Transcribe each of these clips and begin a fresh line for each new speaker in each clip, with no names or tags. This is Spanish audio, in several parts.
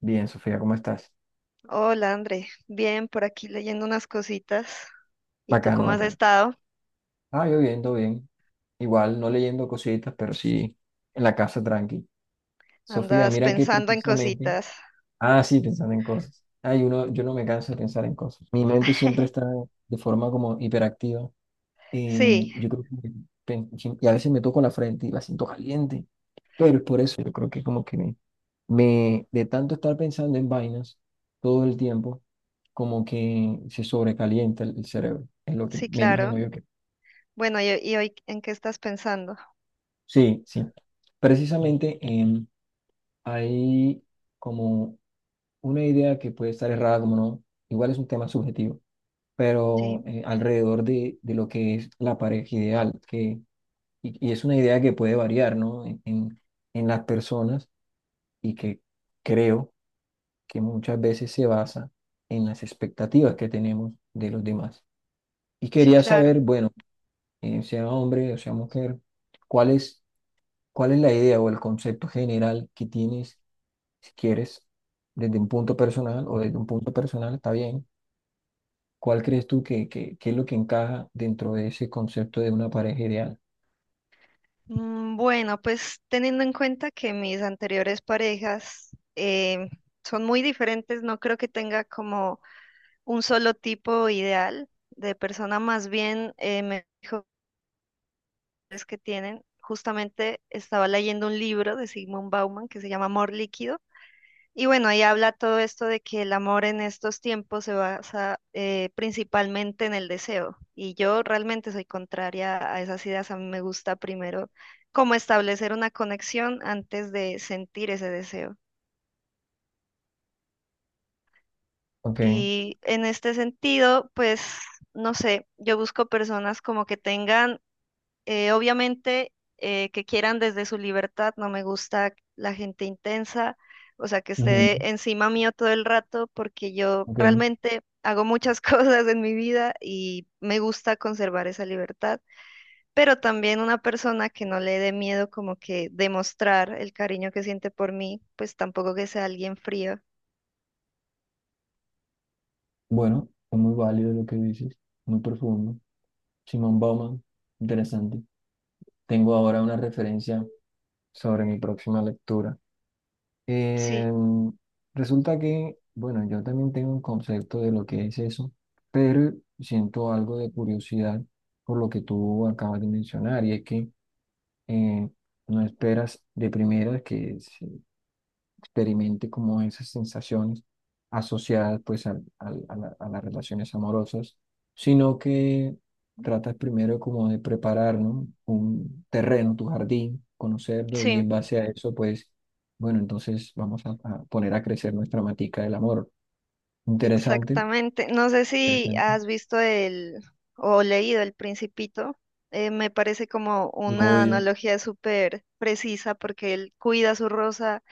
Bien, Sofía, ¿cómo estás?
Hola, André. Bien, por aquí leyendo unas cositas. ¿Y tú
Bacano,
cómo has
bacano.
estado?
Ah, yo bien, todo bien. Igual, no leyendo cositas, pero sí en la casa tranqui. Sofía,
¿Andas
mira que
pensando en
precisamente.
cositas?
Ah, sí, pensando en cosas. Ay, uno, yo no me canso de pensar en cosas. Mi mente siempre está de forma como hiperactiva.
Sí,
Y yo creo que. pen- Y a veces me toco la frente y la siento caliente. Pero es por eso, yo creo que como que me, de tanto estar pensando en vainas todo el tiempo, como que se sobrecalienta el cerebro. Es lo que
sí,
me
claro.
imagino yo que.
Bueno, ¿y hoy en qué estás pensando?
Sí, sí. Precisamente, hay como una idea que puede estar errada, como no, igual es un tema subjetivo, pero
Sí,
alrededor de, lo que es la pareja ideal, que, y es una idea que puede variar, ¿no? En las personas, y que creo que muchas veces se basa en las expectativas que tenemos de los demás. Y
sí,
quería
claro.
saber, bueno, sea hombre o sea mujer, ¿cuál es, ¿cuál es la idea o el concepto general que tienes? Si quieres, desde un punto personal o desde un punto personal, está bien. ¿Cuál crees tú que es lo que encaja dentro de ese concepto de una pareja ideal?
Bueno, pues teniendo en cuenta que mis anteriores parejas eh, son muy diferentes, no creo que tenga como un solo tipo ideal de persona, más bien me que tienen. Justamente estaba leyendo un libro de Sigmund Bauman que se llama Amor Líquido. Y bueno, ahí habla todo esto de que el amor en estos tiempos se basa principalmente en el deseo. Y yo realmente soy contraria a esas ideas. A mí me gusta primero como establecer una conexión antes de sentir ese deseo.
Ok,
Y en este sentido, pues, no sé, yo busco personas como que tengan obviamente que quieran desde su libertad, no me gusta la gente intensa, o sea, que
ujú,
esté encima mío todo el rato, porque yo
ok.
realmente hago muchas cosas en mi vida y me gusta conservar esa libertad, pero también una persona que no le dé miedo como que demostrar el cariño que siente por mí, pues tampoco que sea alguien frío.
Bueno, es muy válido lo que dices, muy profundo. Simón Bauman, interesante. Tengo ahora una referencia sobre mi próxima lectura.
Sí,
Em, resulta que, bueno, yo también tengo un concepto de lo que es eso, pero siento algo de curiosidad por lo que tú acabas de mencionar, y es que eh, no esperas de primera que se experimente como esas sensaciones asociadas pues a las relaciones amorosas, sino que tratas primero como de preparar, ¿no? Un terreno, tu jardín, conocerlo y
sí.
en base a eso pues, bueno, entonces vamos a, poner a crecer nuestra matica del amor. Interesante,
Exactamente. No sé si
interesante.
has visto el o leído El Principito. Me parece como
Lo
una
odio.
analogía súper precisa porque él cuida su rosa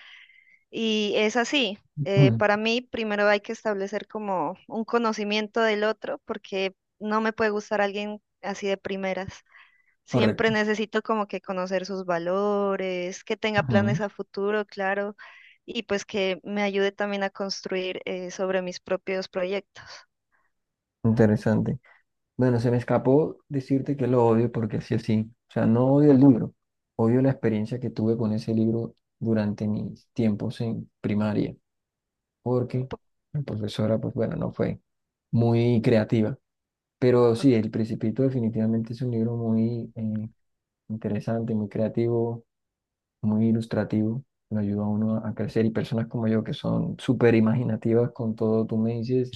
y es así. Para mí, primero hay que establecer como un conocimiento del otro porque no me puede gustar alguien así de primeras. Siempre
Correcto.
necesito como que conocer sus valores, que tenga
Ujú.
planes a futuro, claro, y pues que me ayude también a construir sobre mis propios proyectos.
Interesante. Bueno, se me escapó decirte que lo odio porque así así. O sea, no odio el libro, odio la experiencia que tuve con ese libro durante mis tiempos en primaria, porque la profesora, pues bueno, no fue muy creativa. Pero sí, El Principito definitivamente es un libro muy interesante, muy creativo, muy ilustrativo. Lo ayuda a uno a crecer, y personas como yo que son súper imaginativas con todo, tú me dices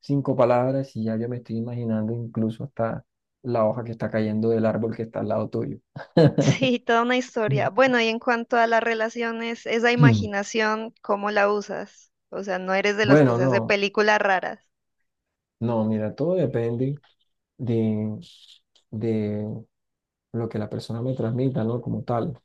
cinco palabras y ya yo me estoy imaginando incluso hasta la hoja que está cayendo del árbol que está al lado tuyo.
Sí, toda una historia. Bueno, y en cuanto a las relaciones, esa imaginación, ¿cómo la usas? O sea, no eres de los que
Bueno,
se hace
no,
películas raras.
no, mira, todo depende de, de lo que la persona me transmita, ¿no? Como tal.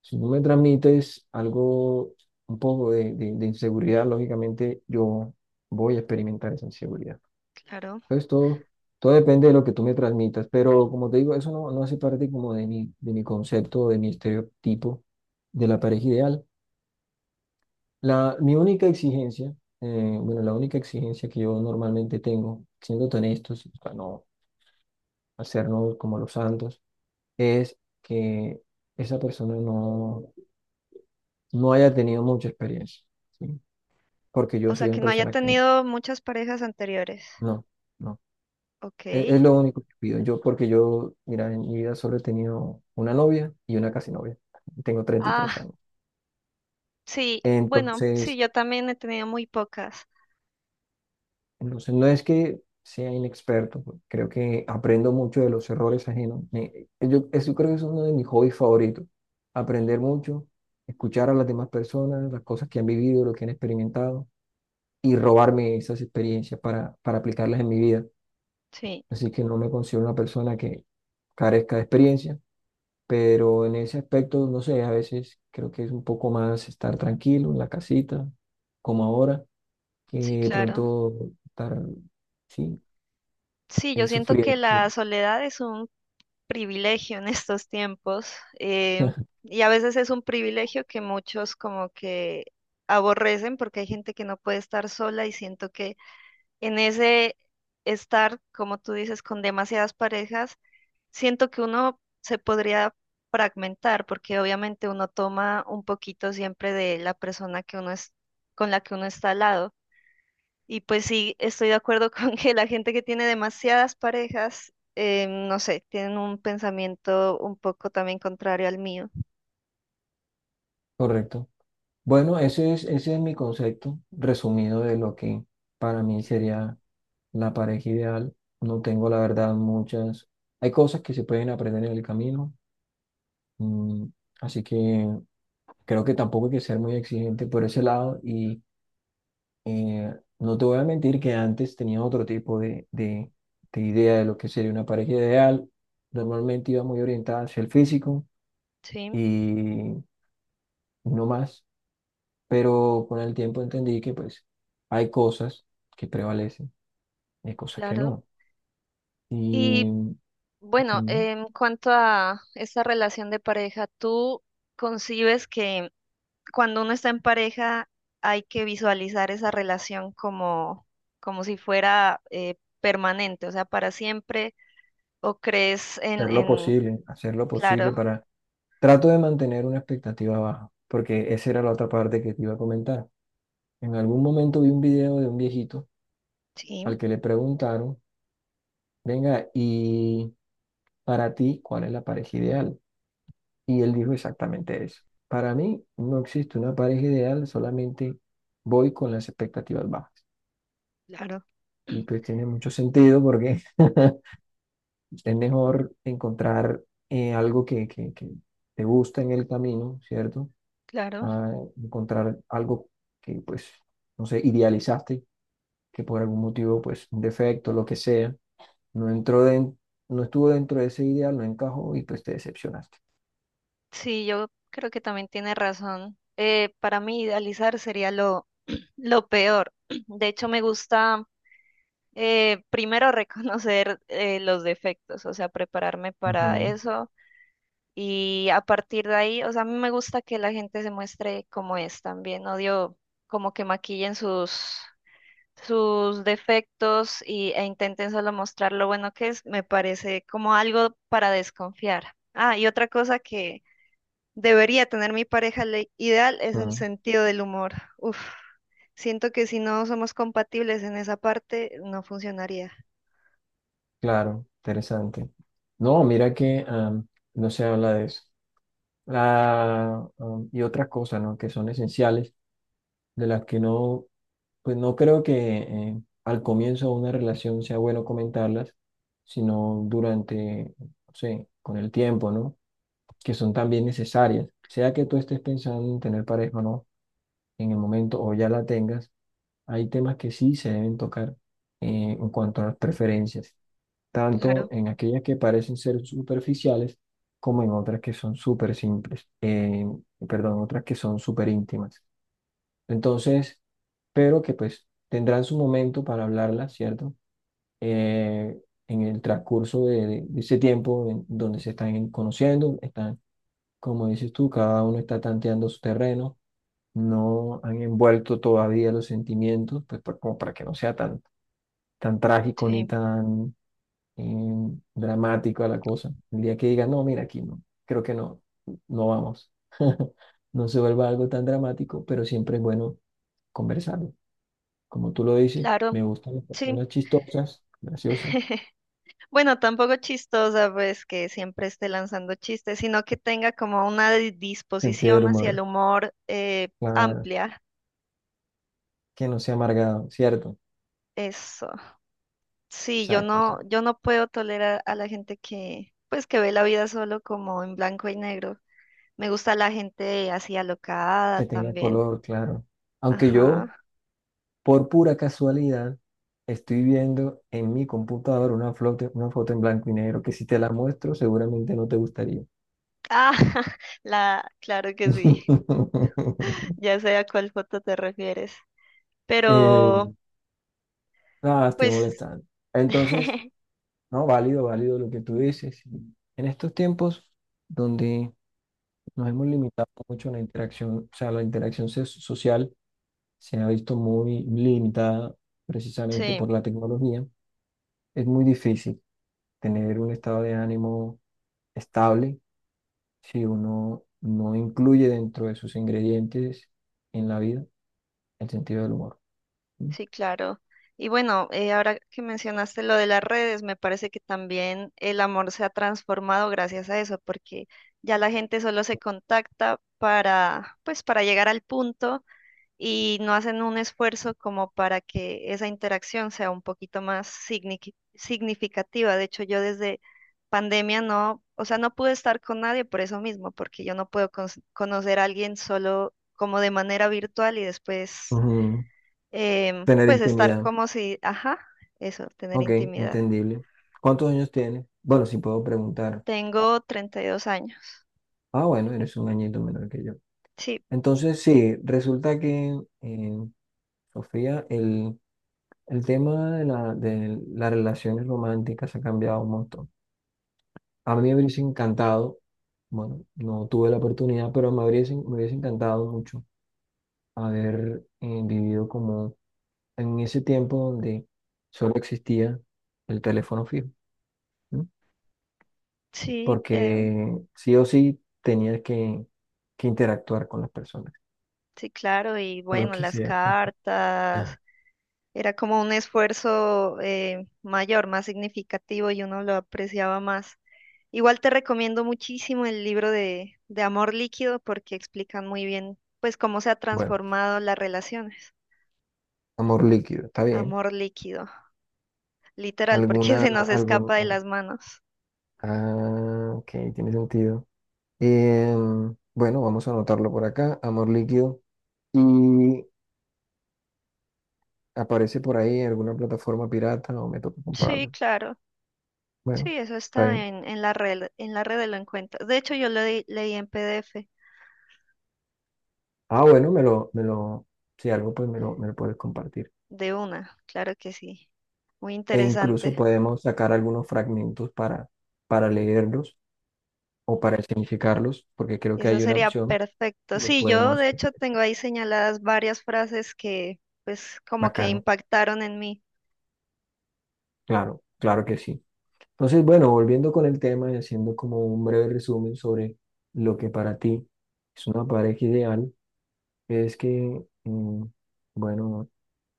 Si tú me transmites algo, un poco de, de inseguridad, lógicamente yo voy a experimentar esa inseguridad.
Claro.
Entonces todo depende de lo que tú me transmitas, pero como te digo, eso no hace parte como de mi concepto, de mi estereotipo de la pareja ideal. Mi única exigencia, bueno, la única exigencia que yo normalmente tengo, siendo tan estos, para no hacernos como los santos, es que esa persona no haya tenido mucha experiencia, ¿sí? Porque yo
O
soy
sea,
una
que no haya
persona que no,
tenido muchas parejas anteriores.
no. Es
Ok.
lo único que pido. Yo, porque yo, mira, en mi vida solo he tenido una novia y una casi novia. Tengo 33
Ah,
años.
sí, bueno, sí,
Entonces,
yo también he tenido muy pocas.
entonces no es que sea inexperto, pues creo que aprendo mucho de los errores ajenos. Yo, eso creo que es uno de mis hobbies favoritos. Aprender mucho, escuchar a las demás personas, las cosas que han vivido, lo que han experimentado y robarme esas experiencias para, aplicarlas en mi vida.
Sí,
Así que no me considero una persona que carezca de experiencia, pero en ese aspecto, no sé, a veces creo que es un poco más estar tranquilo en la casita, como ahora, que
sí,
de
claro.
pronto estar, sí,
Sí, yo siento que
sufriendo.
la soledad es un privilegio en estos tiempos eh, y a veces es un privilegio que muchos como que aborrecen porque hay gente que no puede estar sola y siento que en ese estar, como tú dices, con demasiadas parejas, siento que uno se podría fragmentar porque obviamente uno toma un poquito siempre de la persona que uno es, con la que uno está al lado. Y pues sí, estoy de acuerdo con que la gente que tiene demasiadas parejas, no sé, tienen un pensamiento un poco también contrario al mío.
Correcto. Bueno, ese es mi concepto resumido de lo que para mí sería la pareja ideal. No tengo, la verdad, muchas. Hay cosas que se pueden aprender en el camino, mm, así que creo que tampoco hay que ser muy exigente por ese lado. Y Eh, no te voy a mentir que antes tenía otro tipo de idea de lo que sería una pareja ideal. Normalmente iba muy orientada hacia el físico
Sí,
y no más, pero con el tiempo entendí que pues hay cosas que prevalecen y hay cosas que
claro.
no.
Y
Y
bueno,
ujú,
en cuanto a esta relación de pareja, ¿tú concibes que cuando uno está en pareja hay que visualizar esa relación como, como si fuera permanente, o sea, para siempre? ¿O crees en, en...
hacer lo posible
Claro,
para. Trato de mantener una expectativa baja, porque esa era la otra parte que te iba a comentar. En algún momento vi un video de un viejito
sí,
al que le preguntaron venga, ¿y para ti cuál es la pareja ideal? Y él dijo exactamente eso. Para mí no existe una pareja ideal, solamente voy con las expectativas bajas.
claro,
Y pues tiene mucho sentido porque es mejor encontrar algo que te gusta en el camino, ¿cierto?
claro.
A encontrar algo que pues, no sé, idealizaste, que por algún motivo, pues, un defecto, lo que sea, no entró den- no estuvo dentro de ese ideal, no encajó y pues te decepcionaste.
Sí, yo creo que también tiene razón. Para mí idealizar sería lo, lo peor. De hecho, me gusta primero reconocer los defectos, o sea, prepararme para
Ujú,
eso. Y a partir de ahí, o sea, a mí me gusta que la gente se muestre como es también. Odio como que maquillen sus, sus defectos y, e intenten solo mostrar lo bueno que es. Me parece como algo para desconfiar. Ah, y otra cosa que debería tener mi pareja ideal es el
ujú,
sentido del humor. Uf, siento que si no somos compatibles en esa parte, no funcionaría.
claro, interesante. No, mira que, no se habla de eso. Y otras cosas, ¿no? Que son esenciales, de las que no, pues no creo que al comienzo de una relación sea bueno comentarlas, sino durante, no sé, con el tiempo, ¿no? Que son también necesarias. Sea que tú estés pensando en tener pareja o no, en el momento o ya la tengas, hay temas que sí se deben tocar en cuanto a las preferencias. Tanto
Claro,
en aquellas que parecen ser superficiales como en otras que son súper simples, perdón, otras que son súper íntimas. Entonces, pero que pues tendrán su momento para hablarlas, ¿cierto? Eh, en el transcurso de, de ese tiempo en donde se están conociendo, están, como dices tú, cada uno está tanteando su terreno, no han envuelto todavía los sentimientos, pues como para que no sea tan trágico ni
sí,
tan dramática la cosa. El día que diga, no, mira, aquí no, creo que no vamos. No se vuelva algo tan dramático, pero siempre es bueno conversarlo. Como tú lo dices,
claro,
me gustan las
sí.
personas chistosas, graciosas,
Bueno, tampoco chistosa, pues que siempre esté lanzando chistes, sino que tenga como una
sentido del
disposición hacia el
humor,
humor
claro,
amplia.
que no sea amargado, ¿cierto?
Eso.
Exacto, exacto.
Yo no puedo tolerar a la gente que, pues, que ve la vida solo como en blanco y negro. Me gusta la gente así alocada
Que tenga
también.
color, claro. Aunque yo,
Ajá.
por pura casualidad, estoy viendo en mi computadora una foto en blanco y negro que si te la muestro seguramente no te gustaría.
Ah, la, claro que sí. Ya sé a cuál foto te refieres.
Eh,
Pero,
nada, estoy
pues,
molestando. Entonces, no, válido, válido lo que tú dices. En estos tiempos donde nos hemos limitado mucho a la interacción, o sea, la interacción social se ha visto muy limitada precisamente por
sí,
la tecnología, es muy difícil tener un estado de ánimo estable si uno no incluye dentro de sus ingredientes en la vida el sentido del humor.
sí, claro. Y bueno, ahora que mencionaste lo de las redes, me parece que también el amor se ha transformado gracias a eso, porque ya la gente solo se contacta para, pues, para llegar al punto y no hacen un esfuerzo como para que esa interacción sea un poquito más significativa. De hecho, yo desde pandemia no, o sea, no pude estar con nadie por eso mismo, porque yo no puedo conocer a alguien solo como de manera virtual y después,
Ujú. Tener
pues estar
intimidad.
como si, ajá, eso, tener
Ok,
intimidad.
entendible. ¿Cuántos años tienes? Bueno, si puedo preguntar.
Tengo 32 años.
Ah, bueno, eres un añito menor que yo.
Sí,
Entonces, sí, resulta que, Sofía, el tema de las relaciones románticas ha cambiado un montón. A mí me hubiese encantado, bueno, no tuve la oportunidad, pero me hubiese encantado mucho haber vivido como en ese tiempo donde solo existía el teléfono fijo.
sí, em,
Porque sí o sí tenía que interactuar con las personas,
sí, claro, y
o lo
bueno,
que
las
sea.
cartas.
Ah,
Era como un esfuerzo mayor, más significativo y uno lo apreciaba más. Igual te recomiendo muchísimo el libro de Amor Líquido porque explican muy bien pues cómo se ha
bueno,
transformado las relaciones.
amor líquido, está bien.
Amor líquido, literal, porque se nos escapa de
Oh,
las manos.
ah, ok, tiene sentido. Bueno, vamos a anotarlo por acá, amor líquido. Y aparece por ahí en alguna plataforma pirata o me toca
Sí,
comprarlo.
claro.
Bueno,
Sí, eso
está
está
bien.
en la red, en la red de lo encuentras. De hecho, yo lo leí en PDF
Ah, bueno, me lo, si algo, pues me lo puedes compartir.
de una, claro que sí. Muy
E incluso
interesante.
podemos sacar algunos fragmentos para, leerlos o para escenificarlos, porque creo que
Eso
hay una
sería
opción, y
perfecto.
le
Sí, yo
podemos,
de hecho tengo ahí señaladas varias frases que pues como que
bacano,
impactaron en mí.
claro, claro que sí. Entonces, bueno, volviendo con el tema y haciendo como un breve resumen sobre lo que para ti es una pareja ideal, es que, bueno,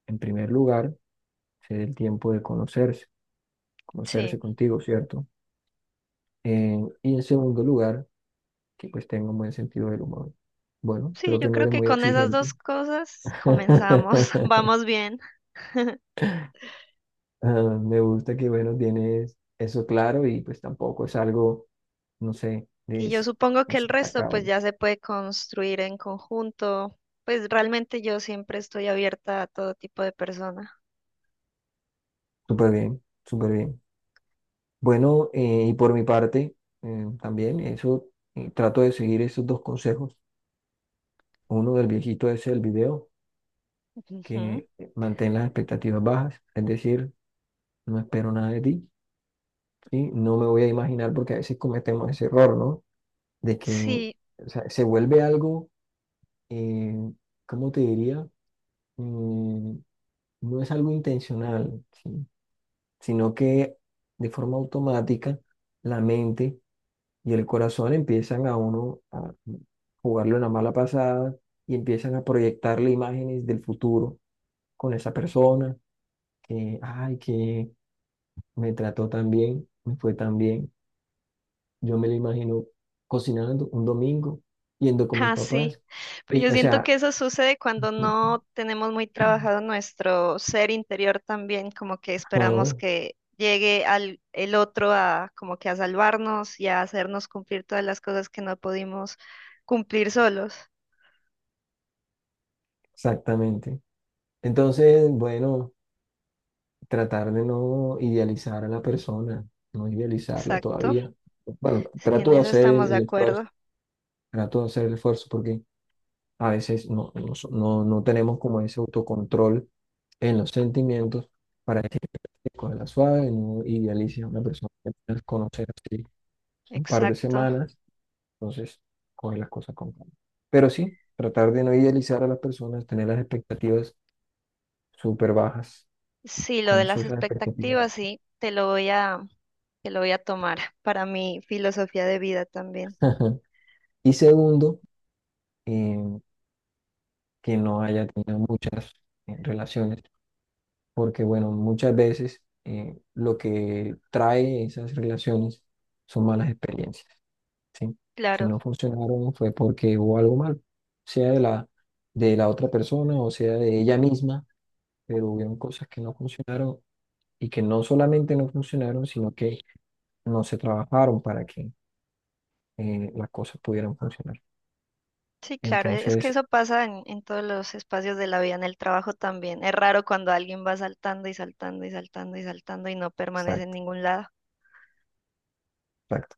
en primer lugar, se dé el tiempo de conocerse,
Sí,
conocerse contigo, ¿cierto? Y en segundo lugar, que pues tenga un buen sentido del humor. Bueno,
sí,
creo que
yo
no
creo
eres
que
muy
con esas
exigente.
dos cosas comenzamos, vamos bien.
Ah, me gusta que, bueno, tienes eso claro y pues tampoco es algo, no sé,
Y yo
es,
supongo
no
que el
sé, está
resto pues ya se puede construir en conjunto. Pues realmente yo siempre estoy abierta a todo tipo de persona.
súper bien, súper bien. Bueno, y por mi parte, también eso, trato de seguir esos dos consejos. Uno del viejito ese del video,
Ujú.
que mantén las expectativas bajas, es decir, no espero nada de ti, ¿sí? No me voy a imaginar, porque a veces cometemos ese error, ¿no? De que,
Sí.
o sea, se vuelve algo, eh, ¿cómo te diría? Mm, no es algo intencional, ¿sí? Sino que de forma automática la mente y el corazón empiezan a uno a jugarle una mala pasada y empiezan a proyectarle imágenes del futuro con esa persona que, ay, que me trató tan bien, me fue tan bien. Yo me lo imagino cocinando un domingo, yendo con mis
Ah, sí.
papás.
Pero
Y,
yo
o
siento
sea,
que eso sucede cuando no tenemos muy trabajado nuestro ser interior también, como que esperamos
ajá,
que llegue al el otro a como que a salvarnos y a hacernos cumplir todas las cosas que no pudimos cumplir solos.
exactamente. Entonces, bueno. Tratar de no idealizar a la persona, no idealizarla
Exacto.
todavía. Bueno,
Sí,
trato
en
de
eso
hacer el,
estamos de
el esfuerzo,
acuerdo.
trato de hacer el esfuerzo, porque a veces no tenemos como ese autocontrol en los sentimientos para decir con la suave, no idealice a una persona que puedes conocer así un par de
Exacto.
semanas, entonces coge las cosas con calma. Pero sí, tratar de no idealizar a las personas, tener las expectativas súper bajas,
Sí, lo
con
de
eso
las
esas expectativas
expectativas,
bajas.
sí, te lo voy a tomar para mi filosofía de vida también.
Y segundo, eh, que no haya tenido muchas relaciones, porque bueno, muchas veces lo que trae esas relaciones son malas experiencias, ¿sí? Si
Claro.
no funcionaron fue porque hubo algo mal, sea de la otra persona o sea de ella misma, pero hubieron cosas que no funcionaron y que no solamente no funcionaron, sino que no se trabajaron para que las cosas pudieran funcionar.
Sí, claro, e, es que
Entonces,
eso pasa en todos los espacios de la vida, en el trabajo también. Es raro cuando alguien va saltando y saltando y saltando y saltando y no permanece en
exacto.
ningún lado.
Exacto.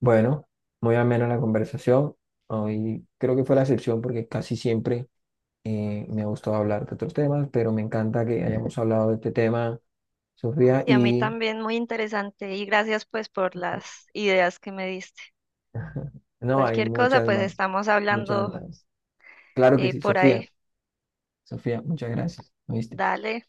Bueno, muy amena la conversación. Hoy creo que fue la excepción porque casi siempre me ha gustado hablar de otros temas, pero me encanta que hayamos hablado de este tema, Sofía,
Sí, a mí
y
también muy interesante y gracias pues por las ideas que me diste.
no, hay
Cualquier cosa,
muchas
pues
más,
estamos
muchas
hablando
más. Claro que sí,
por ahí.
Sofía. Sofía, muchas gracias. ¿Oíste?
Dale.